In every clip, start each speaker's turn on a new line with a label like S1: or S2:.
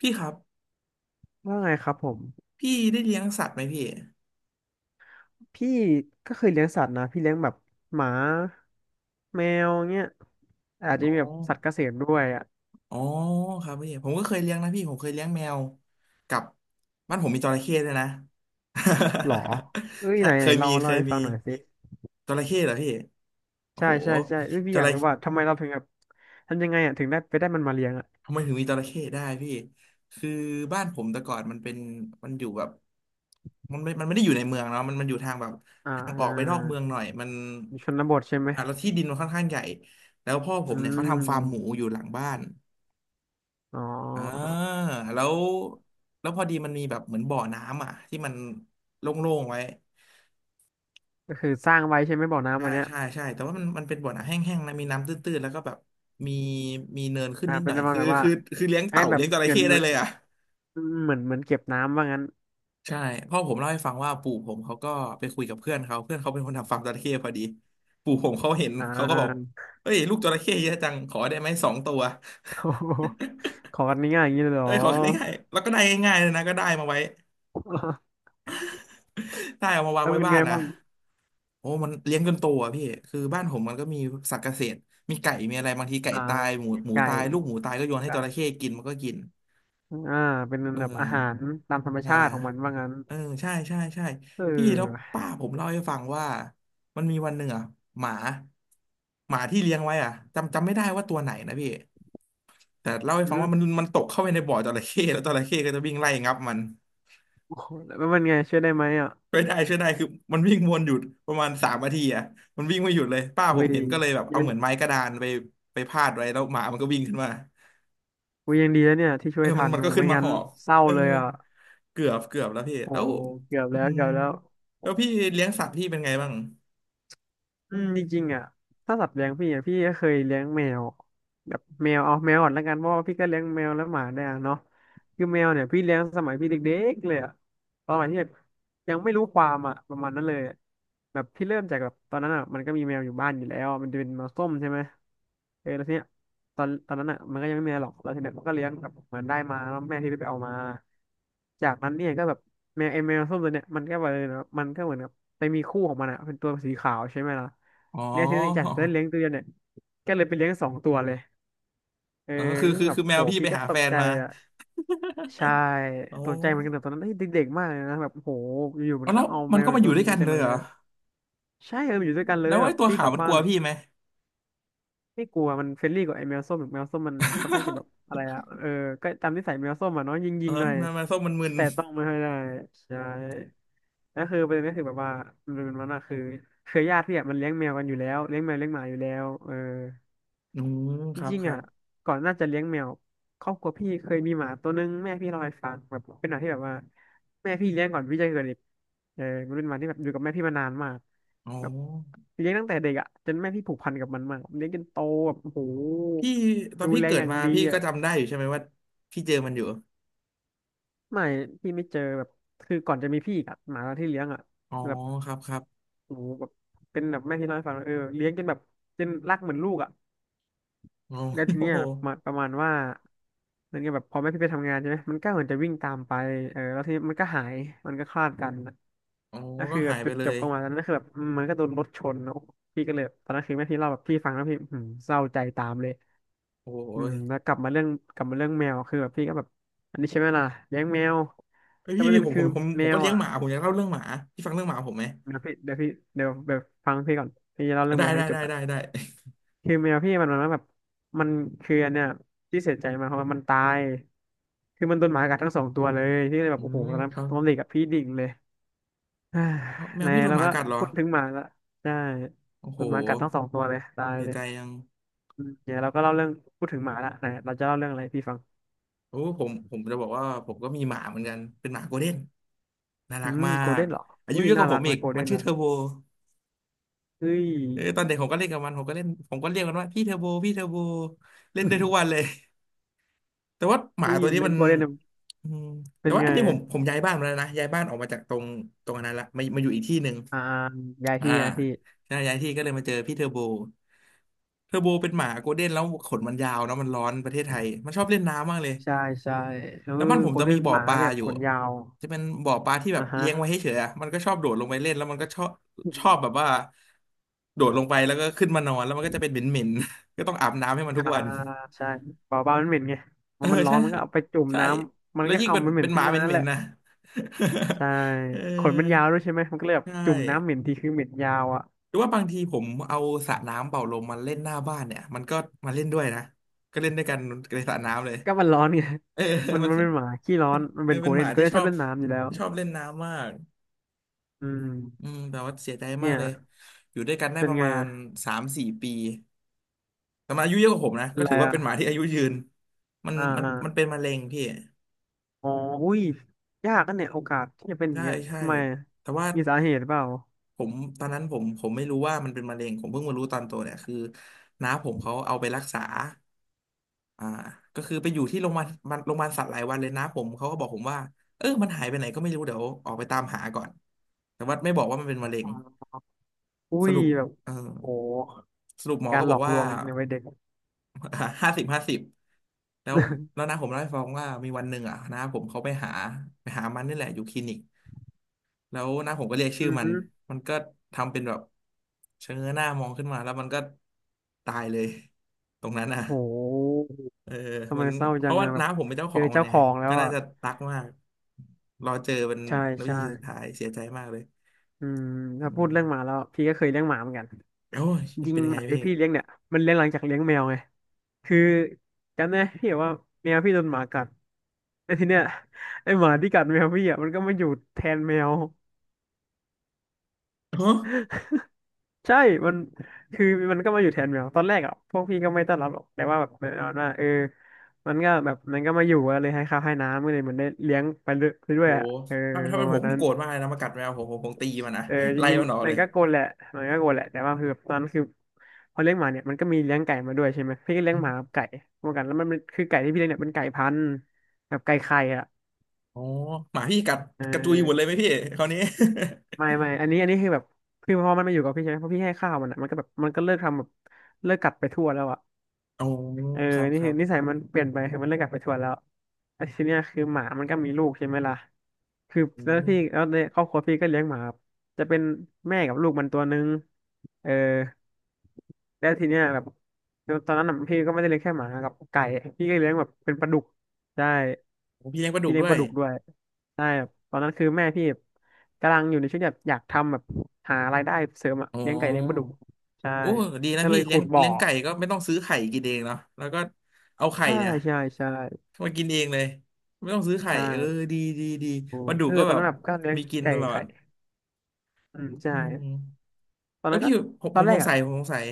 S1: พี่ครับ
S2: ว่าไงครับผม
S1: พี่ได้เลี้ยงสัตว์ไหมพี่
S2: พี่ก็เคยเลี้ยงสัตว์นะพี่เลี้ยงแบบหมาแมวเงี้ยอาจจะ
S1: อ๋อ
S2: มีแบบสัตว์เกษตรด้วยอ่ะ
S1: อ๋อครับพี่ผมก็เคยเลี้ยงนะพี่ผมเคยเลี้ยงแมวกับบ้านผมมีจระเข้ด้วยนะ
S2: หรอเอ้ย
S1: ใช่
S2: ไหน
S1: เค
S2: ไหน
S1: ยมี
S2: เล่า
S1: เค
S2: เล่า
S1: ย
S2: ให้
S1: มี
S2: ฟังหน่อยสิ
S1: จระเข้เหรอพี่โอ้
S2: ใช่
S1: โห
S2: ใช่ใช่เอ้ยพี่
S1: จ
S2: อยาก
S1: ระ
S2: รู้ว่าทำ
S1: เข้
S2: ไมเราถึงแบบทำยังไงอ่ะถึงได้ไปได้มันมาเลี้ยงอ่ะ
S1: ทำไมถึงมีจระเข้ได้พี่คือบ้านผมแต่ก่อนมันเป็นมันอยู่แบบมันไม่ได้อยู่ในเมืองเนาะมันมันอยู่ทางแบบ
S2: อ่
S1: ทางออกไปนอก
S2: า
S1: เมืองหน่อยมัน
S2: ชนู่ชนบทใช่ไหม
S1: อ่ะแล้วที่ดินมันค่อนข้างใหญ่แล้วพ่อผ
S2: อื
S1: มเนี่ยเขาทำฟาร์มหมู
S2: ม
S1: อยู่หลังบ้าน
S2: อ๋
S1: อ่า
S2: อ
S1: แล้วแล้วพอดีมันมีแบบเหมือนบ่อน้ำอ่ะที่มันโล่งๆไว้
S2: ก็คือสร้างไว้ใช่ไหมบ่อน้ำ
S1: ใช่
S2: อันเนี้ย
S1: ใช่ใช่แต่ว่ามันมันเป็นบ่อน้ำแห้งๆนะมีน้ำตื้นๆแล้วก็แบบมีมีเนินขึ้น
S2: นะ
S1: นิดห
S2: เป็น
S1: น่อ
S2: ป
S1: ย
S2: ระมาณ
S1: คือ
S2: แบบว่า
S1: คือคือเลี้ยง
S2: ให้
S1: เต่า
S2: แบบ
S1: เลี้ยงจระ
S2: เหมือ
S1: เข้
S2: นเห
S1: ได้
S2: มือน
S1: เลยอ่ะ
S2: เหมือนเก็บน้ำว่างั้น
S1: ใช่พ่อผมเล่าให้ฟังว่าปู่ผมเขาก็ไปคุยกับเพื่อนเขาเพื่อนเขาเป็นคนทำฟาร์มจระเข้พอดีปู่ผมเขาเห็น
S2: อ่
S1: เขาก็บอก
S2: า
S1: เฮ้ยลูกจระเข้เยอะจังขอได้ไหมสองตัว
S2: โอ้โหขอกันง่ายๆอย่างนี้เลยเหรอ
S1: เอ้ยขอได้ง่ายๆแล้วก็ได้ง่ายๆเลยนะก็ได้มาไว้ ได้เอามาวาง
S2: แล้ว
S1: ไว้
S2: เป็น
S1: บ้า
S2: ไง
S1: นนะ
S2: บ้าง
S1: โอ้มันเลี้ยงจนโตอ่ะพี่คือบ้านผมมันก็มีสัตว์เกษตรมีไก่ มีอะไรบางทีไก่
S2: อ่า
S1: ตายหมู
S2: เลี้ยง
S1: หมู
S2: ไก่
S1: ตายลูกหมูตายก็โยนให้
S2: ก็
S1: จระเข้กินมันก็กิน
S2: อ่าเป็น
S1: เออ
S2: แบบอาหารตามธรรม
S1: อ่า
S2: ชาติของมันว่างั้น
S1: เออใช่ใช่ใช่
S2: เอ
S1: พี่แล้ว
S2: อ
S1: ป้าผมเล่าให้ฟังว่ามันมีวันหนึ่งอ่ะหมาหมาที่เลี้ยงไว้อ่ะจำไม่ได้ว่าตัวไหนนะพี่แต่เล่าให้
S2: อื
S1: ฟังว่ามัน
S2: ม
S1: มันตกเข้าไปในบ่อจระเข้แล้วจระเข้ก็จะวิ่งไล่งับมัน
S2: โอ้โหแล้วเป็นไงช่วยได้ไหมอ่ะ
S1: ช่วยได้ช่วยได้คือมันวิ่งวนหยุดประมาณสามนาทีอ่ะมันวิ่งไม่หยุดเลยป้า
S2: อุ้
S1: ผม
S2: ย
S1: เห็นก็เลยแบบเอา
S2: ยัง
S1: เหมือนไม้กระดานไปไปพาดไว้แล้วหมามันก็วิ่งขึ้นมา
S2: อุ้ยยังดีแล้วเนี่ยที่ช่
S1: เอ
S2: ว
S1: อ
S2: ย
S1: มั
S2: ทั
S1: น
S2: น
S1: มัน
S2: โอ้
S1: ก็ขึ้น
S2: ไม่
S1: มา
S2: งั้
S1: ห
S2: น
S1: อบ
S2: เศร้า
S1: เออ
S2: เลยอ่ะ
S1: เกือบแล้วพี่
S2: โอ้
S1: แล้ว
S2: เกือบ
S1: อื
S2: แล้ว
S1: ม
S2: เกือบแล้ว
S1: แล้วพี่เลี้ยงสัตว์พี่เป็นไงบ้าง
S2: อืมจริงๆอ่ะถ้าสัตว์เลี้ยงพี่อ่ะพี่ก็เคยเลี้ยงแมวแบบแมวเอาแมวก่อนแล้วกันเพราะว่าพี่ก็เลี้ยงแมวและหมาได้อะเนาะคือแมวเนี่ยพี่เลี้ยงสมัยพี่เด็กๆเลยอะ ตอนใหม่ที่แบบยังไม่รู้ความอ่ะประมาณนั้นเลยอะแบบที่เริ่มจากแบบตอนนั้นอ่ะมันก็มีแมวอยู่บ้านอยู่แล้วมันจะเป็นแมวส้มใช่ไหมเออแล้วทีเนี้ยตอนนั้นอ่ะมันก็ยังไม่มีอะไรหรอกแล้วทีเนี้ยมันก็เลี้ยงแบบเหมือนได้มาแล้วแม่ที่ไปเอามาจากนั้นเนี่ยก็แบบแมวไอแมวส้มตัวเนี้ยมันก็ไปเลยนะมันก็เหมือนกับไปมีคู่ของมันอ่ะเป็นตัวสีขาวใช่ไหมล่ะ
S1: อ๋อ
S2: เนี่ยทีนี้จากที่เลี้ ยงตัวเดียวเนี่ยก็เลยไปเลี้ยงสองตัวเลยเออ
S1: เออคือคือ
S2: แบบ
S1: คือแม
S2: โห
S1: วพี่ไป
S2: พี่ก็
S1: หา
S2: ต
S1: แฟ
S2: ก
S1: น
S2: ใจ
S1: มา
S2: อ่ะ ใช่
S1: โอ
S2: ตกใจเหมือนกันแต่
S1: ้
S2: ตอนนั้นเอ้ยเด็กๆมากเลยนะแบบโหอยู่ๆมั
S1: เอา
S2: น
S1: แล้
S2: ก็
S1: ว
S2: เอา
S1: มั
S2: แม
S1: นก็
S2: วอี
S1: มา
S2: ก
S1: อ
S2: ตั
S1: ยู่
S2: วห
S1: ด้ว
S2: นึ่ง
S1: ยกั
S2: มา
S1: น
S2: จา
S1: เล
S2: กไห
S1: ย
S2: น
S1: เหรอ
S2: อะใช่เออมันอยู่ด้วยกันเล
S1: แล้
S2: ย
S1: ว
S2: แบ
S1: ไอ้
S2: บ
S1: ตัว
S2: พี่
S1: ขา
S2: ก
S1: ว
S2: ลับ
S1: มันก
S2: บ้า
S1: ลั
S2: น
S1: ว
S2: แบบ
S1: พี่ไหม
S2: ไม่กลัวมันเฟรนลี่กว่าไอ้แมวส้มแบบแมวส้มมันค่อนข้างจะแบบ อะไรอะเออก็ตามนิสัยแมวส้มอะเนาะย
S1: เอ
S2: ิ
S1: อ
S2: งๆหน่อย
S1: แมวส้มมันมึน
S2: แต่ต้องไม่ค่อยได้ใช่แล้วคือประเด็นก็คือแบบว่ามันน่ะคือเครือญาติพี่อะมันเลี้ยงแมวกันอยู่แล้วเลี้ยงแมวเลี้ยงหมาอยู่แล้วเออ
S1: อืม
S2: จ
S1: ครับ
S2: ริง
S1: ค
S2: ๆ
S1: รั
S2: อ่ะ
S1: บ
S2: ก่อนน่าจะเลี้ยงแมวครอบครัวพี่เคยมีหมาตัวนึงแม่พี่เล่าให้ฟังแบบเป็นหมาที่แบบว่าแม่พี่เลี้ยงก่อนพี่จะเกิดอีกเออมันเป็นหมาที่แบบอยู่กับแม่พี่มานานมาก
S1: อ๋อ
S2: แบบเลี้ยงตั้งแต่เด็กอ่ะจนแม่พี่ผูกพันกับมันมากเลี้ยงจนโตแบบโอ้โห
S1: พี่ตอน
S2: ดู
S1: พี่
S2: แล
S1: เกิ
S2: อ
S1: ด
S2: ย่าง
S1: มา
S2: ดี
S1: พี่ก็
S2: อ่ะ
S1: จำได้อยู่ใช่ไหมว่าพี่เจอมันอยู่
S2: ไม่พี่ไม่เจอแบบคือก่อนจะมีพี่อีกอะหมาตัวที่เลี้ยงอ่ะ
S1: อ๋อ
S2: แบบ
S1: ครับครับ
S2: โอ้โหแบบเป็นแบบแม่พี่เล่าให้ฟังว่าเออเลี้ยงจนแบบจนรักเหมือนลูกอ่ะ
S1: อ๋อ
S2: แล้วที
S1: โอ้
S2: เนี้ย
S1: โห
S2: แบบมาประมาณว่าเหมือนกับแบบพอแม่พี่ไปทำงานใช่ไหมมันก็เหมือนจะวิ่งตามไปเออแล้วทีนี้มันก็หายมันก็คลาดกันนะ
S1: อ๋อ
S2: ก็
S1: ก็
S2: คือแบ
S1: หา
S2: บ
S1: ยไป
S2: จุด
S1: เล
S2: จบ
S1: ย
S2: ของมันนั่นก็คือแบบอืมมันก็โดนรถชนแล้วพี่ก็เลยตอนนั้นคือแม่พี่เล่าแบบพี่ฟังแล้วพี่อืมเศร้าใจตามเลย
S1: โอ้
S2: อืม
S1: ย
S2: แล้วกลับมาเรื่องกลับมาเรื่องแมวคือแบบพี่ก็แบบอันนี้ใช่ไหมล่ะเลี้ยงแมว
S1: เอ้ย
S2: แต่ว
S1: พี่
S2: ประ
S1: พี่
S2: เด็น
S1: ผมผ
S2: คือ
S1: มผมผ
S2: แม
S1: มก็
S2: ว
S1: เลี้ยง
S2: อ่ะ
S1: หมาผมอยากเล่าเรื่องหมาพี่ฟังเรื่องหมาผมไหม
S2: เดี๋ยวพี่เดี๋ยวแบบฟังพี่ก่อนพี่จะเล่าเรื่อง
S1: ได้
S2: แมว
S1: ได้
S2: ให้จบ
S1: ได้
S2: ก่อน
S1: ได้ได้
S2: คือแมวพี่มันแบบมันคืออันเนี้ยที่เสียใจมากเพราะว่ามันตาย คือมันโดนหมากัดทั้งสองตัวเลยที่เลยแบ
S1: อื
S2: บโอ้โห
S1: ม
S2: ตอนนั้น
S1: ครั
S2: ต
S1: บ
S2: อนเด็กกับพี่ดิ่งเลย อ่า
S1: เอาแม
S2: ใน
S1: วพี่โดน
S2: เรา
S1: หมา
S2: ก็
S1: กัดเหรอ
S2: พูดถึงหมาละใช่
S1: โอ้
S2: โด
S1: โห
S2: นหมากัดทั้งสองตัวเลยตาย
S1: เสีย
S2: เลย
S1: ใจยัง
S2: อืมเนี๋ยเราก็เล่าเรื่องพูดถึงหมาละไหนเราจะเล่าเรื่องอะไรให้พี่ฟัง
S1: โอ้ผมจะบอกว่าผมก็มีหมาเหมือนกันเป็นหมาโกลเด้นน่า
S2: อื
S1: รัก
S2: ม
S1: มา
S2: โกลเด้
S1: ก
S2: นเหรอ
S1: อายุ
S2: อุ้ย
S1: เยอะก
S2: น่า
S1: ว่าผ
S2: รัก
S1: ม
S2: ไหม
S1: อีก
S2: โกลเด้
S1: มัน
S2: น
S1: ชื่อ
S2: อ่ะ
S1: เทอร์โบ
S2: เฮ้ย
S1: เออตอนเด็กผมก็เล่นกับมันผมก็เล่นผมก็เรียกมันว่าพี่เทอร์โบพี่เทอร์โบเล่นได้ทุกวันเลย แต่ว่าหมา
S2: เฮ้ย
S1: ตัวนี้
S2: เล่
S1: มั
S2: น
S1: น
S2: โกลเด้น
S1: อืม
S2: เป็
S1: แต่
S2: น
S1: ว่า
S2: ไง
S1: อันนี้ผมย้ายบ้านมาแล้วนะย้ายบ้านออกมาจากตรงอันนั้นละมามาอยู่อีกที่หนึ่ง
S2: อ่าย้าย
S1: อ่า
S2: ที่ย้ายที่
S1: ใช่ย้ายที่ก็เลยมาเจอพี่เทอร์โบเทอร์โบเป็นหมาโกลเด้นแล้วขนมันยาวเนาะมันร้อนประเทศไทยมันชอบเล่นน้ำมากเลย
S2: ใช่ใช่เอ
S1: แล้วบ้า
S2: อ
S1: นผม
S2: โกล
S1: จะ
S2: เด้
S1: มี
S2: น
S1: บ่อ
S2: หมา
S1: ปลา
S2: แบบ
S1: อยู่
S2: ขนยาว
S1: จะเป็นบ่อปลาที่แบ
S2: อ่ะ
S1: บเลี้ยงไว้
S2: ฮะ
S1: ให้เฉยอะมันก็ชอบโดดลงไปเล่นแล้วมันก็ชอบชอบแบบว่าโดดลงไปแล้วก็ขึ้นมานอนแล้วมันก็จะเป็นเหม็นๆ ก็ต้องอาบน้ำให้มันทุ
S2: อ่า
S1: กวัน
S2: ใช่เปล่ามันเหม็นไง
S1: เอ
S2: มั
S1: อ
S2: นมันร้อ
S1: ใช่
S2: นมันก็เอาไปจุ่ม
S1: ใช่
S2: น้ำมัน
S1: แล้ว
S2: ก็
S1: ยิ่ง
S2: เอา
S1: เป็น
S2: มันเหม็น
S1: ห
S2: ขึ้
S1: มา
S2: น
S1: เห
S2: มานั่น
S1: ม็
S2: แห
S1: น
S2: ละ
S1: ๆนะ
S2: ใช่
S1: เออ
S2: ขนมันยาวด้วยใช่ไหมมันก็เลยแบบ
S1: ใช่
S2: จุ่มน้ำเหม็นทีคือเหม็นยาวอ่ะ
S1: หรือว่าบางทีผมเอาสระน้ำเป่าลมมาเล่นหน้าบ้านเนี่ยมันก็มาเล่นด้วยนะก็เล่นด้วยกันในสระน้ำเลย
S2: ก็มันร้อนไง
S1: เออ
S2: มัน
S1: มัน
S2: มันเป็นหมาขี้ร้อนมัน
S1: เออ
S2: เป็นโก
S1: เป็น
S2: ล
S1: ห
S2: เด้
S1: มา
S2: นโกล
S1: ที่
S2: เด้น
S1: ช
S2: ช
S1: อ
S2: อบ
S1: บ
S2: เล่นน้ำอยู่แล้ว
S1: ที่ชอบเล่นน้ำมาก
S2: อืม
S1: อืมแต่ว่าเสียใจมา
S2: เนี่
S1: ก
S2: ย
S1: เลยอยู่ด้วยกันได้
S2: เป็
S1: ป
S2: น
S1: ระ
S2: ไง
S1: มาณ
S2: อ่ะ
S1: สามสี่ปีแต่มันอายุเยอะกว่าผมนะ
S2: เป็
S1: ก็
S2: นไร
S1: ถือว่าเป็นหมา
S2: อ่ะ
S1: ที่อายุยืนมัน
S2: อ่า
S1: มัน
S2: อา
S1: มันเป็นมะเร็งพี่
S2: อ๋ออุ้ยยากกันเนี่ยโอกาสที่จะเป็นอย่า
S1: ใช่
S2: งเงี้ย
S1: ใช่
S2: ทำไมอะ
S1: แต่ว่า
S2: มีสาเหตุเปล่า
S1: ผมตอนนั้นผมไม่รู้ว่ามันเป็นมะเร็งผมเพิ่งมารู้ตอนโตเนี่ยคือน้าผมเขาเอาไปรักษาอ่าก็คือไปอยู่ที่โรงพยาบาลมันโรงพยาบาลสัตว์หลายวันเลยน้าผมเขาก็บอกผมว่าเออมันหายไปไหนก็ไม่รู้เดี๋ยวออกไปตามหาก่อนแต่ว่าไม่บอกว่ามันเป็นมะเร็
S2: อ๋
S1: ง
S2: ออุ้
S1: ส
S2: ย
S1: รุป
S2: แบบ
S1: เออ
S2: โอ้
S1: สรุปหมอ
S2: กา
S1: ก็
S2: รห
S1: บ
S2: ล
S1: อก
S2: อกล
S1: ว่า
S2: วงในวัยเด็ก
S1: ห้าสิบห้าสิบแล้วน้าผมเล่าให้ฟังว่ามีวันหนึ่งอ่ะน้าผมเขาไปหามันนี่แหละอยู่คลินิก แล้วน้าผมก็เรียกชื่อ
S2: อือ
S1: มัน
S2: ฮึ
S1: มันก็ทำเป็นแบบเชงเง้อหน้ามองขึ้นมาแล้วมันก็ตายเลยตรงนั้นน่ะ
S2: โห
S1: เออ
S2: ทำไม
S1: มัน
S2: เศร้า
S1: เพ
S2: จั
S1: ราะ
S2: ง
S1: ว่า
S2: อะแบบ
S1: น้าผมเป็นเจ้าข
S2: เจ
S1: อ
S2: อ
S1: งมัน
S2: เจ้า
S1: ไง
S2: ของแล้
S1: ก็
S2: ว
S1: น่า
S2: อ่ะ
S1: จะรักมากรอเจอเป็น
S2: ใช่
S1: วิ
S2: ใช่
S1: ธีสุดท้ายเสียใจมากเลย
S2: อืม
S1: อื
S2: ถ้าพูด
S1: ม
S2: เรื่องหมาแล้วพี่ก็เคยเลี้ยงหมาเหมือนกัน
S1: โอ้ย
S2: จริง
S1: เป็นยัง
S2: ห
S1: ไง
S2: มาที่
S1: พี่
S2: พี่เลี้ยงเนี่ยมันเลี้ยงหลังจากเลี้ยงแมวไงคือจำได้พี่แบบว่าแมวพี่โดนหมากัดแล้วทีเนี้ยไอหมาที่กัดแมวพี่อ่ะมันก็มาอยู่แทนแมว
S1: ฮะ
S2: ใช่มันคือมันก็มาอยู่แทนแมวตอนแรกอ่ะพวกพี่ก็ไม่ต้อนรับหรอกแต่ว่าแบบประมาณว่าเออมันก็แบบมันก็มาอยู่อะเลยให้ข้าวให้น้ำก็เลยเหมือนได้เลี้ยงไปเรื่อ
S1: โห
S2: ยๆอะเออ
S1: ถ้า
S2: ป
S1: เป็
S2: ระ
S1: นผ
S2: มา
S1: ม
S2: ณนั้น
S1: โกรธมากเลยนะมากัดแมวผมผมตีมันนะ
S2: เออจ
S1: ไล่
S2: ริง
S1: มันออก
S2: ๆมั
S1: เล
S2: น
S1: ย
S2: ก็โกนแหละมันก็โกนแหละแต่ว่าคือตอนนั้นคือพอเลี้ยงหมาเนี่ยมันก็มีเลี้ยงไก่มาด้วยใช่ไหมพี่ก็เลี้ย
S1: อ
S2: ง
S1: ม
S2: หมากับไก่เหมอนกันแล้วมันเป็นคือไก่ที่พี่เลี้ยงเนี่ยเป็นไก่พันธุ์แบบไก่ไข่อ่ะ
S1: อ๋อหมาพี่กัด
S2: เอ
S1: กระจุยหมดเลยไหม
S2: อ
S1: พี่คราวนี้
S2: ไม่ไม่อันนี้คือแบบคือพอมันมาอยู่กับพี่ใช่ไหมพอพี่ให้ข้าวมันอ่ะมันก็แบบมันก็เลิกทำแบบเลิกกัดไปทั่วแล้วอ่ะ
S1: โอ้
S2: เออ
S1: ครับ
S2: นี่
S1: ครั
S2: คือ
S1: บ
S2: นิสัยมันเปลี่ยนไปคือมันเลิกกลับไปทวนแล้วไอ้ทีเนี้ยคือหมามันก็มีลูกใช่ไหมล่ะคือ
S1: อื
S2: แล้ว
S1: ม
S2: พี่แล้วในครอบครัวพี่ก็เลี้ยงหมาครับจะเป็นแม่กับลูกมันตัวนึงเออแล้วทีเนี้ยแบบตอนนั้นน่ะพี่ก็ไม่ได้เลี้ยงแค่หมากับไก่พี่ก็เลี้ยงแบบเป็นปลาดุก ใช่
S1: โอ้พี่เลี้ยงปลาดุ
S2: พี่
S1: ก
S2: เลี้ย
S1: ด้
S2: ง
S1: ว
S2: ป
S1: ย
S2: ลาดุกด้วยใช่ครับตอนนั้นคือแม่พี่กำลังอยู่ในช่วงแบบอยากทำแบบหารายได้เสริมอะ
S1: อ๋อ
S2: เลี้ยงไก่เลี้ยงปลาดุกใช่
S1: โอ้ดีนะ
S2: ก็เล
S1: พี่
S2: ยขุดบ่อ
S1: เลี้ยงไก่ก็ไม่ต้องซื้อไข่กินเองเนาะแล้วก็เอาไข่
S2: ใช่
S1: เนี่ย
S2: ใช่ใช่
S1: มากินเองเลยไม่ต้องซื้อไข่
S2: ใช่
S1: เออดีดีดี
S2: โอ้
S1: ปลาดุก
S2: คือ
S1: ก็
S2: ตอ
S1: แบ
S2: น
S1: บ
S2: นั้นแบบก็เลี้ยง
S1: มีกิน
S2: ไก่
S1: ตลอ
S2: ไข่
S1: ด
S2: อืมใช่
S1: อืม
S2: ตอน
S1: เออ
S2: นั้นก็
S1: พี่
S2: ต
S1: ผ
S2: อน
S1: ม
S2: แร
S1: ส
S2: ก
S1: งสัย
S2: อ่ะ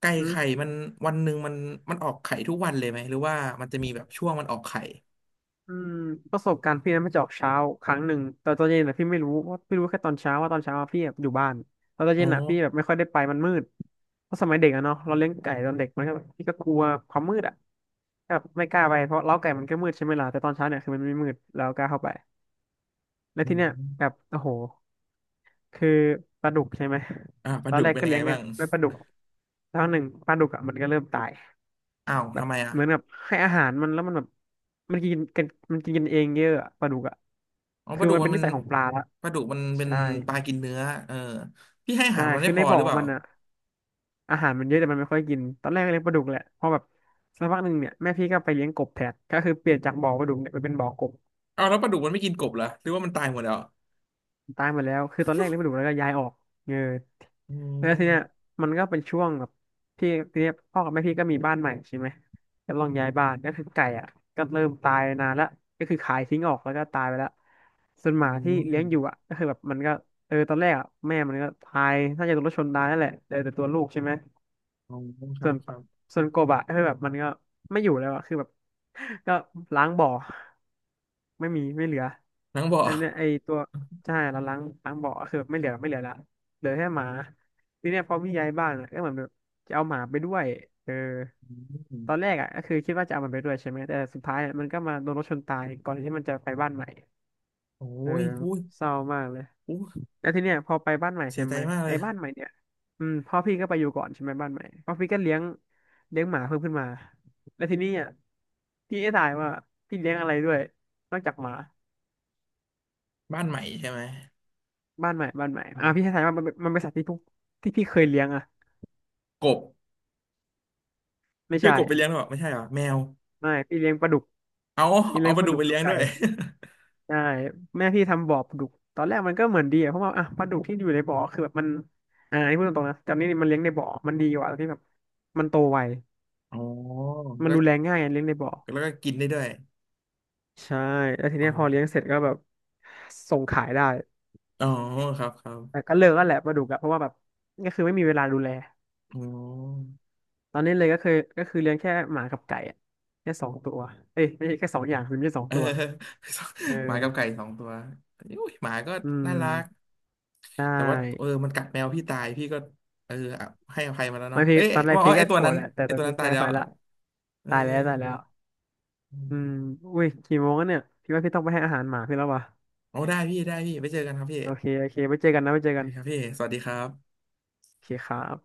S1: ไก่
S2: อืม
S1: ไข่มันวันหนึ่งมันออกไข่ทุกวันเลยไหมหรือว่ามันจะมีแบบช่วงมันออกไข่
S2: อืมประสบการณ์พี่นั้นมันจะออกเช้าครั้งหนึ่งแต่ตอนเย็นอ่ะพี่ไม่รู้ว่าพี่รู้แค่ตอนเช้าว่าตอนเช้าอะพี่แบบอยู่บ้านแล้วตอน
S1: อ๋อ
S2: เย็นอ่ะพี่แบบไม่ค่อยได้ไปมันมืดเพราะสมัยเด็กอะเนาะเราเลี้ยงไก่ตอนเด็กมันก็แบบพี่ก็กลัวความมืดอ่ะแบบไม่กล้าไปเพราะเล้าไก่มันก็มืดใช่ไหมล่ะแต่ตอนเช้าเนี่ยคือมันไม่มืดแล้วกล้าเข้าไปแล้ว
S1: อื
S2: ที่เนี้ยแบบ
S1: ม
S2: โอ้โห คือปลาดุกใช่ไหม
S1: อ่าป
S2: ต
S1: ลา
S2: อ
S1: ดุ
S2: นแร
S1: ก
S2: ก
S1: เป็น
S2: ก็
S1: ยัง
S2: เลี้
S1: ไง
S2: ยง
S1: บ้าง
S2: ด้วยปลาดุกแล้วหนึ่งปลาดุกอ่ะมันก็เริ่มตาย
S1: อ้าว
S2: แบ
S1: ทำ
S2: บ
S1: ไมอ่ะ
S2: เหมือนแบบให้อาหารมันแล้วมันแบบมันกินกันมันกินกันเองเยอะอะปลาดุกอ่ะ
S1: อ๋อป
S2: คือ
S1: ลาดุก
S2: มัน
S1: มั
S2: เป็
S1: น
S2: น
S1: เป็
S2: นิ
S1: น
S2: สัยของปลาละ
S1: ปลาดุกมันเป็น
S2: ใช่
S1: ปลากินเนื้อเออพี่ให้อา
S2: ใช่
S1: หารมัน
S2: คื
S1: ไม่
S2: อ
S1: พ
S2: ใน
S1: อห
S2: บ่อ
S1: รือเปล่า
S2: มันอ่ะอาหารมันเยอะแต่มันไม่ค่อยกินตอนแรกก็เลี้ยงปลาดุกแหละพอแบบสักพักหนึ่งเนี่ยแม่พี่ก็ไปเลี้ยงกบแทนก็คือเปลี่ยนจากบ่อปลาดุกเนี่ยไปเป็นบ่อกบ
S1: เอาแล้วปลาดุกมันไม่กินกบเหรอหรือว่ามันตายหมดแล้ว
S2: ตายหมดแล้วคือตอนแรกเลี้ยงไม่ดุแล้วก็ย้ายออกเออ
S1: อื
S2: แล้วทีเนี้ย
S1: ม
S2: มันก็เป็นช่วงแบบที่ทีเนี้ยพ่อกับแม่พี่ก็มีบ้านใหม่ใช่ไหมก็ลองย้ายบ้านก็คือไก่อ่ะก็เริ่มตายนานแล้วก็คือขายทิ้งออกแล้วก็ตายไปแล้วส่วนห
S1: อื
S2: มาที่
S1: ม
S2: เลี้ยงอยู่อ่ะก็คือแบบมันก็เออตอนแรกอ่ะแม่มันก็ตายน่าจะโดนรถชนตายนั่นแหละเหลือแต่ตัวลูกใช่ไหม
S1: อ๋อครั
S2: ส่ว
S1: บ
S2: น
S1: ครับ
S2: ส่วนโกบะคือแบบมันก็ไม่อยู่แล้วอะคือแบบ ก็ล้างบ่อไม่มีไม่เหลือ
S1: นังบ่อ
S2: แล้วเนี่ยไอตัวใช่เราล้างล้างบ่อคือแบบไม่เหลือไม่เหลือละเหลือแค่หมาทีเนี้ยพอพี่ย้ายบ้านอะก็เหมือนแบบจะเอาหมาไปด้วยเออ
S1: อืม
S2: ตอนแรกอ่ะก็คือคิดว่าจะเอามันไปด้วยใช่ไหมแต่สุดท้ายอะมันก็มาโดนรถชนตายก่อนที่มันจะไปบ้านใหม่
S1: โอ้
S2: เออ
S1: ยอุ้ย
S2: เศร้ามากเลย
S1: อุ้ย
S2: แล้วทีเนี้ยพอไปบ้านใหม่
S1: เสี
S2: ใช่
S1: ยใจ
S2: ไหม
S1: มากเล
S2: ไอ้
S1: ย
S2: บ้านใหม่เนี่ยอืมพ่อพี่ก็ไปอยู่ก่อนใช่ไหมบ้านใหม่พ่อพี่ก็เลี้ยงเลี้ยงหมาเพิ่มขึ้นมาแล้วทีนี้อ่ะพี่ให้ทายว่าพี่เลี้ยงอะไรด้วยนอกจากหมา
S1: บ้านใหม่ใช่ไหม
S2: บ้านใหม่บ้านใหม่
S1: อื
S2: อ่ะพี่ให้
S1: ม
S2: ทายว่ามันเป็นมันเป็นสัตว์ที่ทุกที่พี่เคยเลี้ยงอ่ะ
S1: กบ
S2: ไม่
S1: เพื่อ
S2: ใช่
S1: กบไปเลี้ยงหรอเปล่าไม่ใช่หรอแมว
S2: ไม่พี่เลี้ยงปลาดุก
S1: เอา
S2: พี่เลี้
S1: เอา
S2: ยง
S1: ป
S2: ป
S1: ลา
S2: ลา
S1: ดุก
S2: ดุก
S1: ไป
S2: กั
S1: เลี้
S2: บ
S1: ยง
S2: ไก่
S1: ด้วย
S2: ใช่แม่พี่ทำบ่อปลาดุกตอนแรกมันก็เหมือนดีอ่ะเพราะว่าอ่ะปลาดุกที่อยู่ในบ่อคือแบบมันอ่าอันนี้พูดตรงๆนะแต่นี่มันเลี้ยงในบ่อมันดีกว่าที่แบบมันโตไว
S1: อ๋อ
S2: มัน
S1: ก็
S2: ดูแลง่ายไงเลี้ยงในบ่อ
S1: แล้วก็กินได้ด้วย
S2: ใช่แล้วทีเนี้
S1: เอา
S2: ยพอเลี้ยงเสร็จก็แบบส่งขายได้
S1: อ๋อครับครั
S2: แต่
S1: บ
S2: ก็เลิกแล้วแหละปลาดุกอะเพราะว่าแบบก็คือไม่มีเวลาดูแล
S1: อ๋อ
S2: ตอนนี้เลยก็คือเลี้ยงแค่หมากับไก่อะแค่สองตัวเอ้ยไม่ใช่แค่สองอย่างคือไม่ใช่สอง
S1: เออ
S2: ตัวเออ
S1: หมากับไก่สองตัวอุ้ยหมาก็
S2: อืม
S1: น่ารัก
S2: ได
S1: แต่ว่าเออ
S2: ้
S1: มันกัดแมวพี่ตายพี่ก็เอออ่ะให้อภัยมาแล้ว
S2: บา
S1: เนาะ
S2: งที
S1: เอ๊ะ
S2: ตอนแรก
S1: ว่าอ๋อ
S2: พี่
S1: ไอ
S2: ก็
S1: ตัว
S2: โกร
S1: นั้
S2: ธ
S1: น
S2: แหละแต่ตอนพี่
S1: ตาย
S2: แพ้
S1: แล้
S2: ไป
S1: ว
S2: ละ
S1: เออ
S2: ตายแล้ว
S1: อื
S2: อื
S1: ม
S2: มอุ้ยกี่โมงแล้วเนี่ยพี่ว่าพี่ต้องไปให้อาหารหมาพี่แล้ววะ
S1: โอ้ได้พี่ได้พี่ไปเจอกันครับพี่
S2: โอเคโอเคไว้เจอกันนะไว้เจอ
S1: โอ
S2: กั
S1: เค
S2: น
S1: ครับพี่สวัสดีครับ
S2: โอเคครับ